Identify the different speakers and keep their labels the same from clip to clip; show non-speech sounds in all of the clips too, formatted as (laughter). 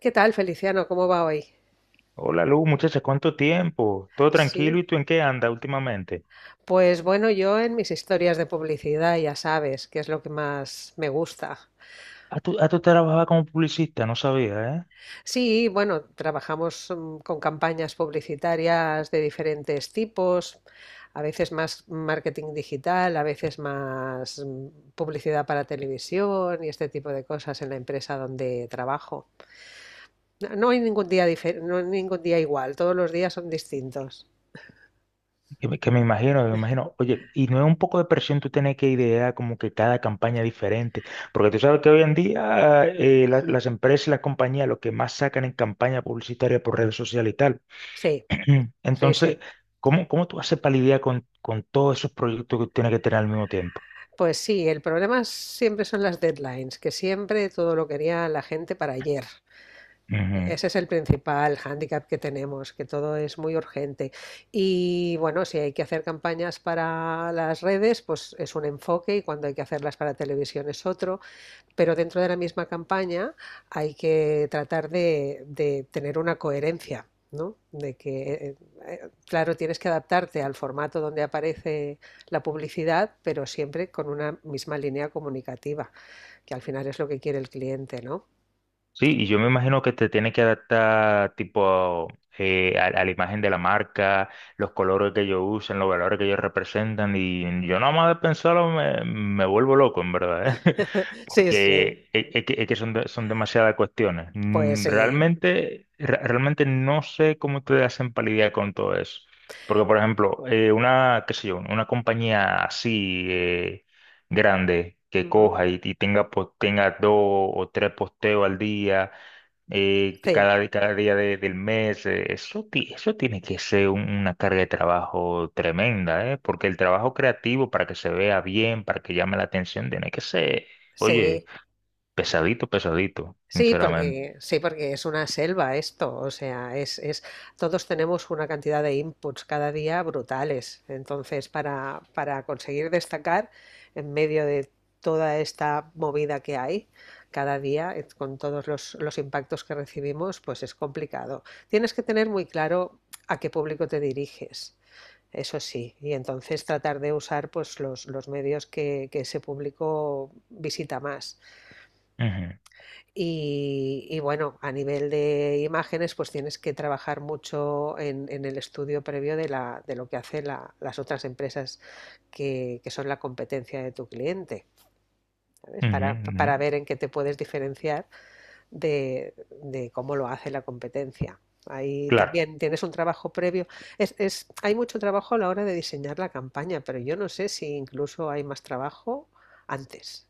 Speaker 1: ¿Qué tal, Feliciano? ¿Cómo va hoy?
Speaker 2: Hola Lu, muchacha, ¿cuánto tiempo? ¿Todo tranquilo?
Speaker 1: Sí.
Speaker 2: ¿Y tú en qué andas últimamente?
Speaker 1: Pues bueno, yo en mis historias de publicidad ya sabes que es lo que más me gusta.
Speaker 2: Ah, tú trabajabas como publicista, no sabía, ¿eh?
Speaker 1: Sí, bueno, trabajamos con campañas publicitarias de diferentes tipos, a veces más marketing digital, a veces más publicidad para televisión y este tipo de cosas en la empresa donde trabajo. No hay ningún no hay ningún día igual, todos los días son distintos.
Speaker 2: Que me imagino, me imagino. Oye, ¿y no es un poco de presión tú tener que idear como que cada campaña diferente? Porque tú sabes que hoy en día las empresas y las compañías lo que más sacan en campaña publicitaria por redes sociales y tal.
Speaker 1: Sí,
Speaker 2: (clears throat)
Speaker 1: sí,
Speaker 2: Entonces,
Speaker 1: sí.
Speaker 2: ¿cómo tú haces para lidiar con todos esos proyectos que tienes que tener al mismo tiempo?
Speaker 1: Pues sí, el problema siempre son las deadlines, que siempre todo lo quería la gente para ayer. Ese es el principal hándicap que tenemos, que todo es muy urgente. Y bueno, si hay que hacer campañas para las redes, pues es un enfoque, y cuando hay que hacerlas para televisión es otro, pero dentro de la misma campaña hay que tratar de tener una coherencia, ¿no? De que, claro, tienes que adaptarte al formato donde aparece la publicidad, pero siempre con una misma línea comunicativa, que al final es lo que quiere el cliente, ¿no?
Speaker 2: Sí, y yo me imagino que te tiene que adaptar tipo a la imagen de la marca, los colores que ellos usan, los valores que ellos representan, y yo nada más de pensarlo me vuelvo loco, en verdad, ¿eh? (laughs)
Speaker 1: (laughs) Sí, sí,
Speaker 2: Porque es que son, son demasiadas cuestiones.
Speaker 1: pues sí.
Speaker 2: Realmente, realmente no sé cómo te hacen para lidiar con todo eso. Porque, por ejemplo, qué sé yo, una compañía así, grande que
Speaker 1: Ujú.
Speaker 2: coja y tenga, tenga dos o tres posteos al día,
Speaker 1: Sí,
Speaker 2: cada día del mes, eso, eso tiene que ser una carga de trabajo tremenda, ¿eh? Porque el trabajo creativo para que se vea bien, para que llame la atención, tiene que ser, oye,
Speaker 1: sí.
Speaker 2: pesadito, pesadito, sinceramente.
Speaker 1: Sí, porque es una selva esto, o sea, es todos tenemos una cantidad de inputs cada día brutales. Entonces, para conseguir destacar en medio de toda esta movida que hay cada día, con todos los impactos que recibimos, pues es complicado. Tienes que tener muy claro a qué público te diriges, eso sí, y entonces tratar de usar pues los medios que ese público visita más.
Speaker 2: Ujú,
Speaker 1: Y bueno, a nivel de imágenes, pues tienes que trabajar mucho en el estudio previo de, la, de lo que hacen las otras empresas que son la competencia de tu cliente, ¿sabes?
Speaker 2: ujú, ujú.
Speaker 1: Para ver en qué te puedes diferenciar de, de cómo lo hace la competencia. Ahí
Speaker 2: Claro.
Speaker 1: también tienes un trabajo previo. Hay mucho trabajo a la hora de diseñar la campaña, pero yo no sé si incluso hay más trabajo antes,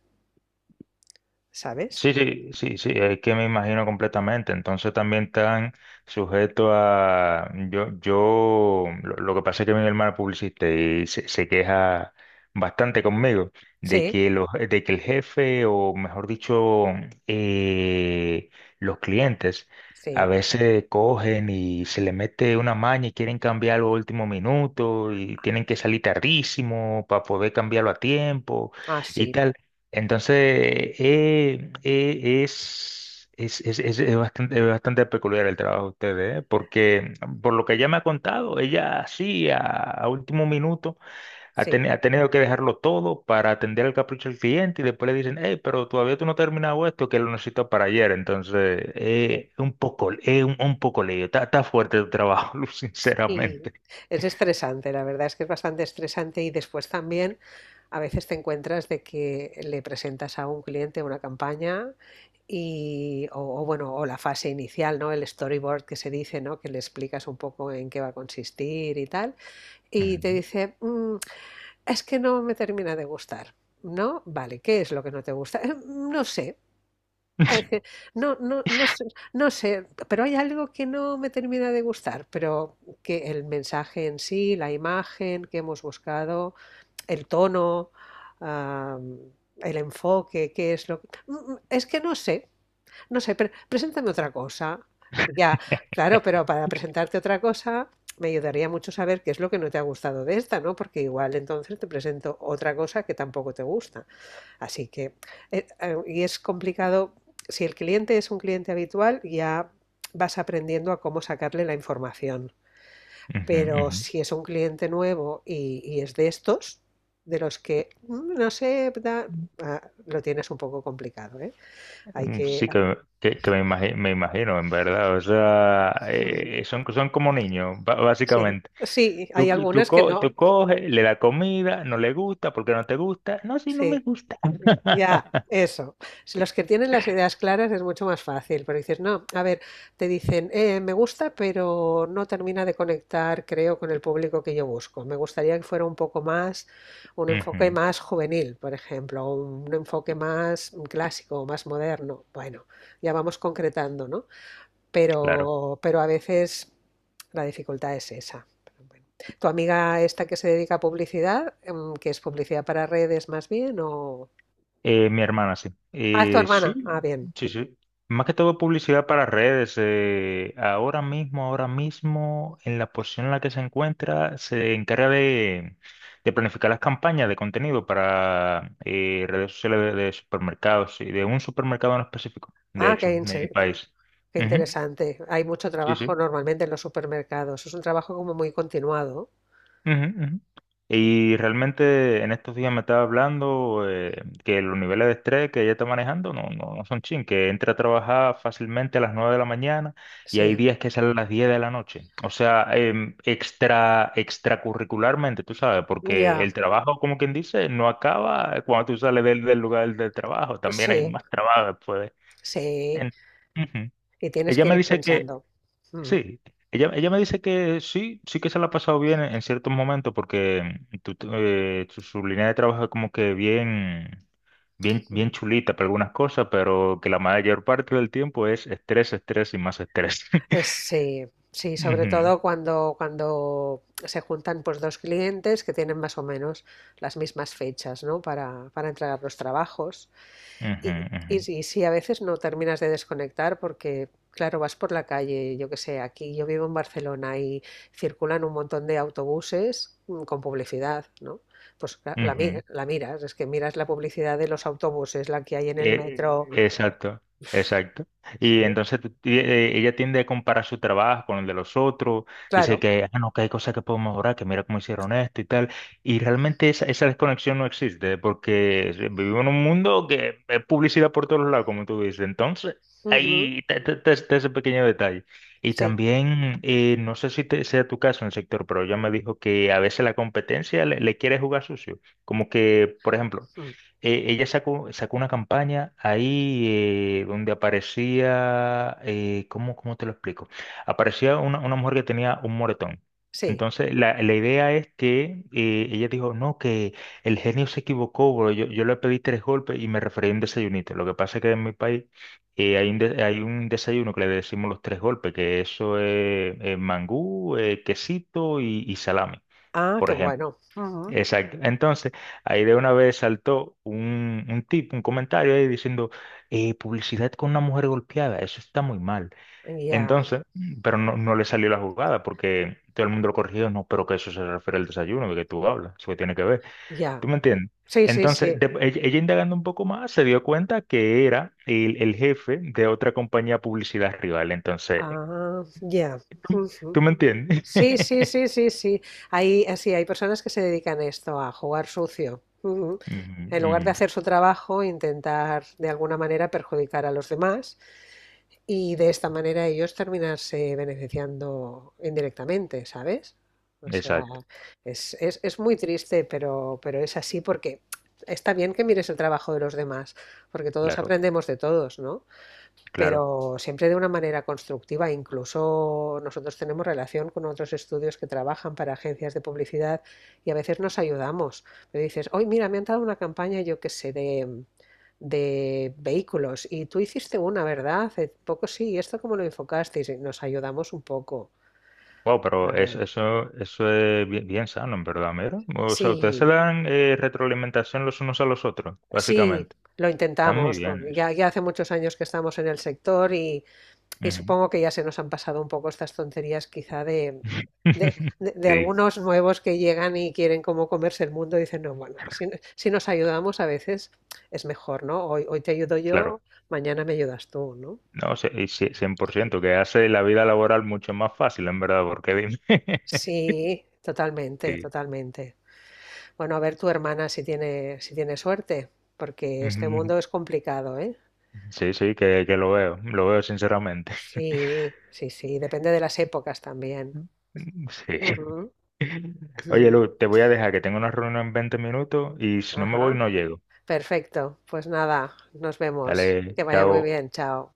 Speaker 1: ¿sabes?
Speaker 2: Sí, sí, sí, sí, es que me imagino completamente. Entonces también están sujetos a... yo, lo que pasa es que mi hermano es publicista y se queja bastante conmigo de
Speaker 1: Sí,
Speaker 2: que, de que el jefe, o mejor dicho, eh, los clientes, a
Speaker 1: sí.
Speaker 2: veces cogen y se le mete una maña y quieren cambiarlo a último minuto y tienen que salir tardísimo para poder cambiarlo a tiempo
Speaker 1: Ah,
Speaker 2: y
Speaker 1: sí.
Speaker 2: tal. Entonces, es bastante peculiar el trabajo de ustedes, ¿eh? Porque por lo que ella me ha contado, ella sí, a último minuto,
Speaker 1: Sí,
Speaker 2: ha tenido que dejarlo todo para atender el capricho del cliente y después le dicen, hey, pero todavía tú no has terminado esto que lo necesito para ayer. Entonces, es un poco lío. Está, está fuerte el trabajo, (laughs)
Speaker 1: sí,
Speaker 2: sinceramente.
Speaker 1: y es estresante, la verdad es que es bastante estresante, y después también a veces te encuentras de que le presentas a un cliente una campaña y o bueno, o la fase inicial, ¿no? El storyboard que se dice, ¿no? Que le explicas un poco en qué va a consistir y tal, y te
Speaker 2: Ujú,
Speaker 1: dice, es que no me termina de gustar". ¿No? Vale, ¿qué es lo que no te gusta? No sé. (laughs) Eh, no sé, no sé, pero hay algo que no me termina de gustar, pero que el mensaje en sí, la imagen que hemos buscado, el tono, am, el enfoque, qué es lo que... Es que no sé, no sé, pero preséntame otra cosa". Ya, claro, pero para presentarte otra cosa me ayudaría mucho saber qué es lo que no te ha gustado de esta, ¿no? Porque igual entonces te presento otra cosa que tampoco te gusta. Así que, y es complicado. Si el cliente es un cliente habitual, ya vas aprendiendo a cómo sacarle la información.
Speaker 2: ujú,
Speaker 1: Pero
Speaker 2: ujú.
Speaker 1: si es un cliente nuevo y es de estos, de los que, "Mm, no sé, da-", ah, lo tienes un poco complicado, ¿eh? Hay que...
Speaker 2: Sí, que me me imagino, en verdad. O sea,
Speaker 1: mm,
Speaker 2: son, son como niños,
Speaker 1: Sí,
Speaker 2: básicamente.
Speaker 1: sí, hay
Speaker 2: Tú, tú,
Speaker 1: algunas que no.
Speaker 2: tú coges, le das comida, no le gusta, porque no te gusta. No, si no me
Speaker 1: Sí.
Speaker 2: gusta. (laughs)
Speaker 1: Ya, eso. Si los que tienen las ideas claras es mucho más fácil, pero dices, no, a ver, te dicen, me gusta, pero no termina de conectar, creo, con el público que yo busco. Me gustaría que fuera un poco más, un enfoque
Speaker 2: Ujú,
Speaker 1: más juvenil, por ejemplo, o un enfoque más clásico, o más moderno". Bueno, ya vamos concretando, ¿no?
Speaker 2: claro.
Speaker 1: Pero a veces la dificultad es esa. Pero bueno. ¿Tu amiga esta que se dedica a publicidad, que es publicidad para redes más bien, o...?
Speaker 2: Mi hermana, sí.
Speaker 1: Ah, es tu y hermana.
Speaker 2: Sí,
Speaker 1: Ah, bien.
Speaker 2: sí, sí. Más que todo publicidad para redes. Ahora mismo, en la posición en la que se encuentra, se encarga de planificar las campañas de contenido para redes sociales de supermercados y de un supermercado en específico, de
Speaker 1: Ah, sí,
Speaker 2: hecho, de mi país.
Speaker 1: qué ujú,
Speaker 2: Ujú,
Speaker 1: interesante. Hay mucho
Speaker 2: sí,
Speaker 1: trabajo
Speaker 2: sí.
Speaker 1: normalmente en los supermercados. Es un trabajo como muy continuado.
Speaker 2: Ujú, ujú. Y realmente en estos días me estaba hablando que los niveles de estrés que ella está manejando no, no, no son chin, que entra a trabajar fácilmente a las 9 de la mañana y hay
Speaker 1: Sí,
Speaker 2: días que sale a las 10 de la noche. O sea, extra, extracurricularmente, tú sabes,
Speaker 1: sí.
Speaker 2: porque
Speaker 1: Ya,
Speaker 2: el trabajo, como quien dice, no acaba cuando tú sales del lugar del trabajo, también hay
Speaker 1: sí,
Speaker 2: más trabajo después.
Speaker 1: sí,
Speaker 2: en-
Speaker 1: sí.
Speaker 2: Ujú.
Speaker 1: Y tienes
Speaker 2: Ella
Speaker 1: que
Speaker 2: me
Speaker 1: ir
Speaker 2: dice que...
Speaker 1: pensando. Mm,
Speaker 2: Sí, ella me dice que sí, sí que se la ha pasado bien en ciertos momentos porque su línea de trabajo es como que bien, bien, bien
Speaker 1: mm.
Speaker 2: chulita para algunas cosas, pero que la mayor parte del tiempo es estrés, estrés y más estrés. (laughs)
Speaker 1: Sí, sí, sobre
Speaker 2: Ujú,
Speaker 1: todo cuando, cuando se juntan pues dos clientes que tienen más o menos las mismas fechas, ¿no? Para entregar los trabajos.
Speaker 2: ujú,
Speaker 1: Y
Speaker 2: ujú,
Speaker 1: sí, sí, a veces no terminas de desconectar porque, claro, vas por la calle, yo qué sé, aquí yo vivo en Barcelona y circulan un montón de autobuses con publicidad, ¿no? Pues
Speaker 2: ujú.
Speaker 1: la miras, es que miras la publicidad de los autobuses, la que hay en el metro.
Speaker 2: Exacto, exacto. Y
Speaker 1: Sí,
Speaker 2: entonces ella tiende a comparar su trabajo con el de los otros, dice
Speaker 1: claro.
Speaker 2: que, ah, no, que hay cosas que podemos mejorar, que mira cómo hicieron esto y tal. Y realmente esa desconexión no existe, porque vivimos en un mundo que es publicidad por todos lados, como tú dices. Entonces,
Speaker 1: Ujú,
Speaker 2: ahí está está ese pequeño detalle. Y
Speaker 1: sí,
Speaker 2: también, no sé si sea tu caso en el sector, pero ella me dijo que a veces la competencia le quiere jugar sucio. Como que, por ejemplo,
Speaker 1: mm,
Speaker 2: sacó una campaña ahí donde aparecía, cómo te lo explico? Aparecía una mujer que tenía un moretón.
Speaker 1: sí.
Speaker 2: Entonces, la idea es que ella dijo, no, que el genio se equivocó, bro. Yo le pedí tres golpes y me referí a un desayunito. Lo que pasa es que en mi país hay un, hay un desayuno que le decimos los tres golpes, que eso es mangú, quesito y salami,
Speaker 1: Ah,
Speaker 2: por
Speaker 1: qué
Speaker 2: ejemplo.
Speaker 1: bueno. Ujú,
Speaker 2: Exacto. Entonces, ahí de una vez saltó un tip, un comentario ahí diciendo, publicidad con una mujer golpeada, eso está muy mal.
Speaker 1: ya,
Speaker 2: Entonces, pero no, no le salió la jugada porque todo el mundo lo corrigió, no, pero que eso se refiere al desayuno, de que tú hablas, eso que tiene que ver.
Speaker 1: ya.
Speaker 2: ¿Tú me entiendes?
Speaker 1: Sí, sí,
Speaker 2: Entonces,
Speaker 1: sí.
Speaker 2: ella indagando un poco más, se dio cuenta que era el jefe de otra compañía de publicidad rival. Entonces,
Speaker 1: Ah, ya.
Speaker 2: (laughs) ¿tú,
Speaker 1: Ujú.
Speaker 2: tú me entiendes?
Speaker 1: Sí, sí,
Speaker 2: (laughs)
Speaker 1: sí, sí, sí. Hay, así, hay personas que se dedican a esto, a jugar sucio. Ujú.
Speaker 2: Ujú,
Speaker 1: En lugar de
Speaker 2: ujú.
Speaker 1: hacer su trabajo, intentar de alguna manera perjudicar a los demás y de esta manera ellos terminarse beneficiando indirectamente, ¿sabes? O sea,
Speaker 2: Exacto,
Speaker 1: es muy triste, pero es así porque está bien que mires el trabajo de los demás, porque todos
Speaker 2: claro,
Speaker 1: aprendemos de todos, ¿no?
Speaker 2: claro.
Speaker 1: Pero siempre de una manera constructiva. Incluso nosotros tenemos relación con otros estudios que trabajan para agencias de publicidad, y a veces nos ayudamos. Me dices, hoy mira, me han dado una campaña, yo qué sé, de vehículos y tú hiciste una, ¿verdad? Hace poco sí, ¿y esto cómo lo enfocasteis? Y nos ayudamos un poco
Speaker 2: Wow, pero
Speaker 1: también.
Speaker 2: eso es bien, bien sano, en verdad, mira. O sea, ustedes se
Speaker 1: Sí,
Speaker 2: dan retroalimentación los unos a los otros,
Speaker 1: sí,
Speaker 2: básicamente.
Speaker 1: lo
Speaker 2: Está muy
Speaker 1: intentamos.
Speaker 2: bien
Speaker 1: Porque
Speaker 2: eso.
Speaker 1: ya, ya hace muchos años que estamos en el sector. Y
Speaker 2: Ujú.
Speaker 1: supongo que ya se nos han pasado un poco estas tonterías quizá de,
Speaker 2: (laughs)
Speaker 1: de
Speaker 2: Sí,
Speaker 1: algunos nuevos que llegan y quieren como comerse el mundo y dicen, no, bueno, si nos ayudamos a veces es mejor, ¿no? Hoy, hoy te ayudo yo,
Speaker 2: claro.
Speaker 1: mañana me ayudas tú, ¿no?
Speaker 2: No, sí, y sí, 100% que hace la vida laboral mucho más fácil, en verdad, porque dime. (laughs)
Speaker 1: Sí, totalmente,
Speaker 2: Sí,
Speaker 1: totalmente. Bueno, a ver tu hermana si tiene, si tiene suerte, porque este
Speaker 2: ujú,
Speaker 1: mundo es complicado, ¿eh?
Speaker 2: sí, sí, que lo veo sinceramente.
Speaker 1: Sí, sí, sí, depende de las épocas también.
Speaker 2: (laughs) Sí.
Speaker 1: Ujú,
Speaker 2: Oye,
Speaker 1: ujú.
Speaker 2: Lu, te voy a dejar que tengo una reunión en 20 minutos y si no me voy,
Speaker 1: Ajá.
Speaker 2: no llego.
Speaker 1: Perfecto, pues nada, nos vemos.
Speaker 2: Dale,
Speaker 1: Que vaya muy
Speaker 2: chao.
Speaker 1: bien, chao.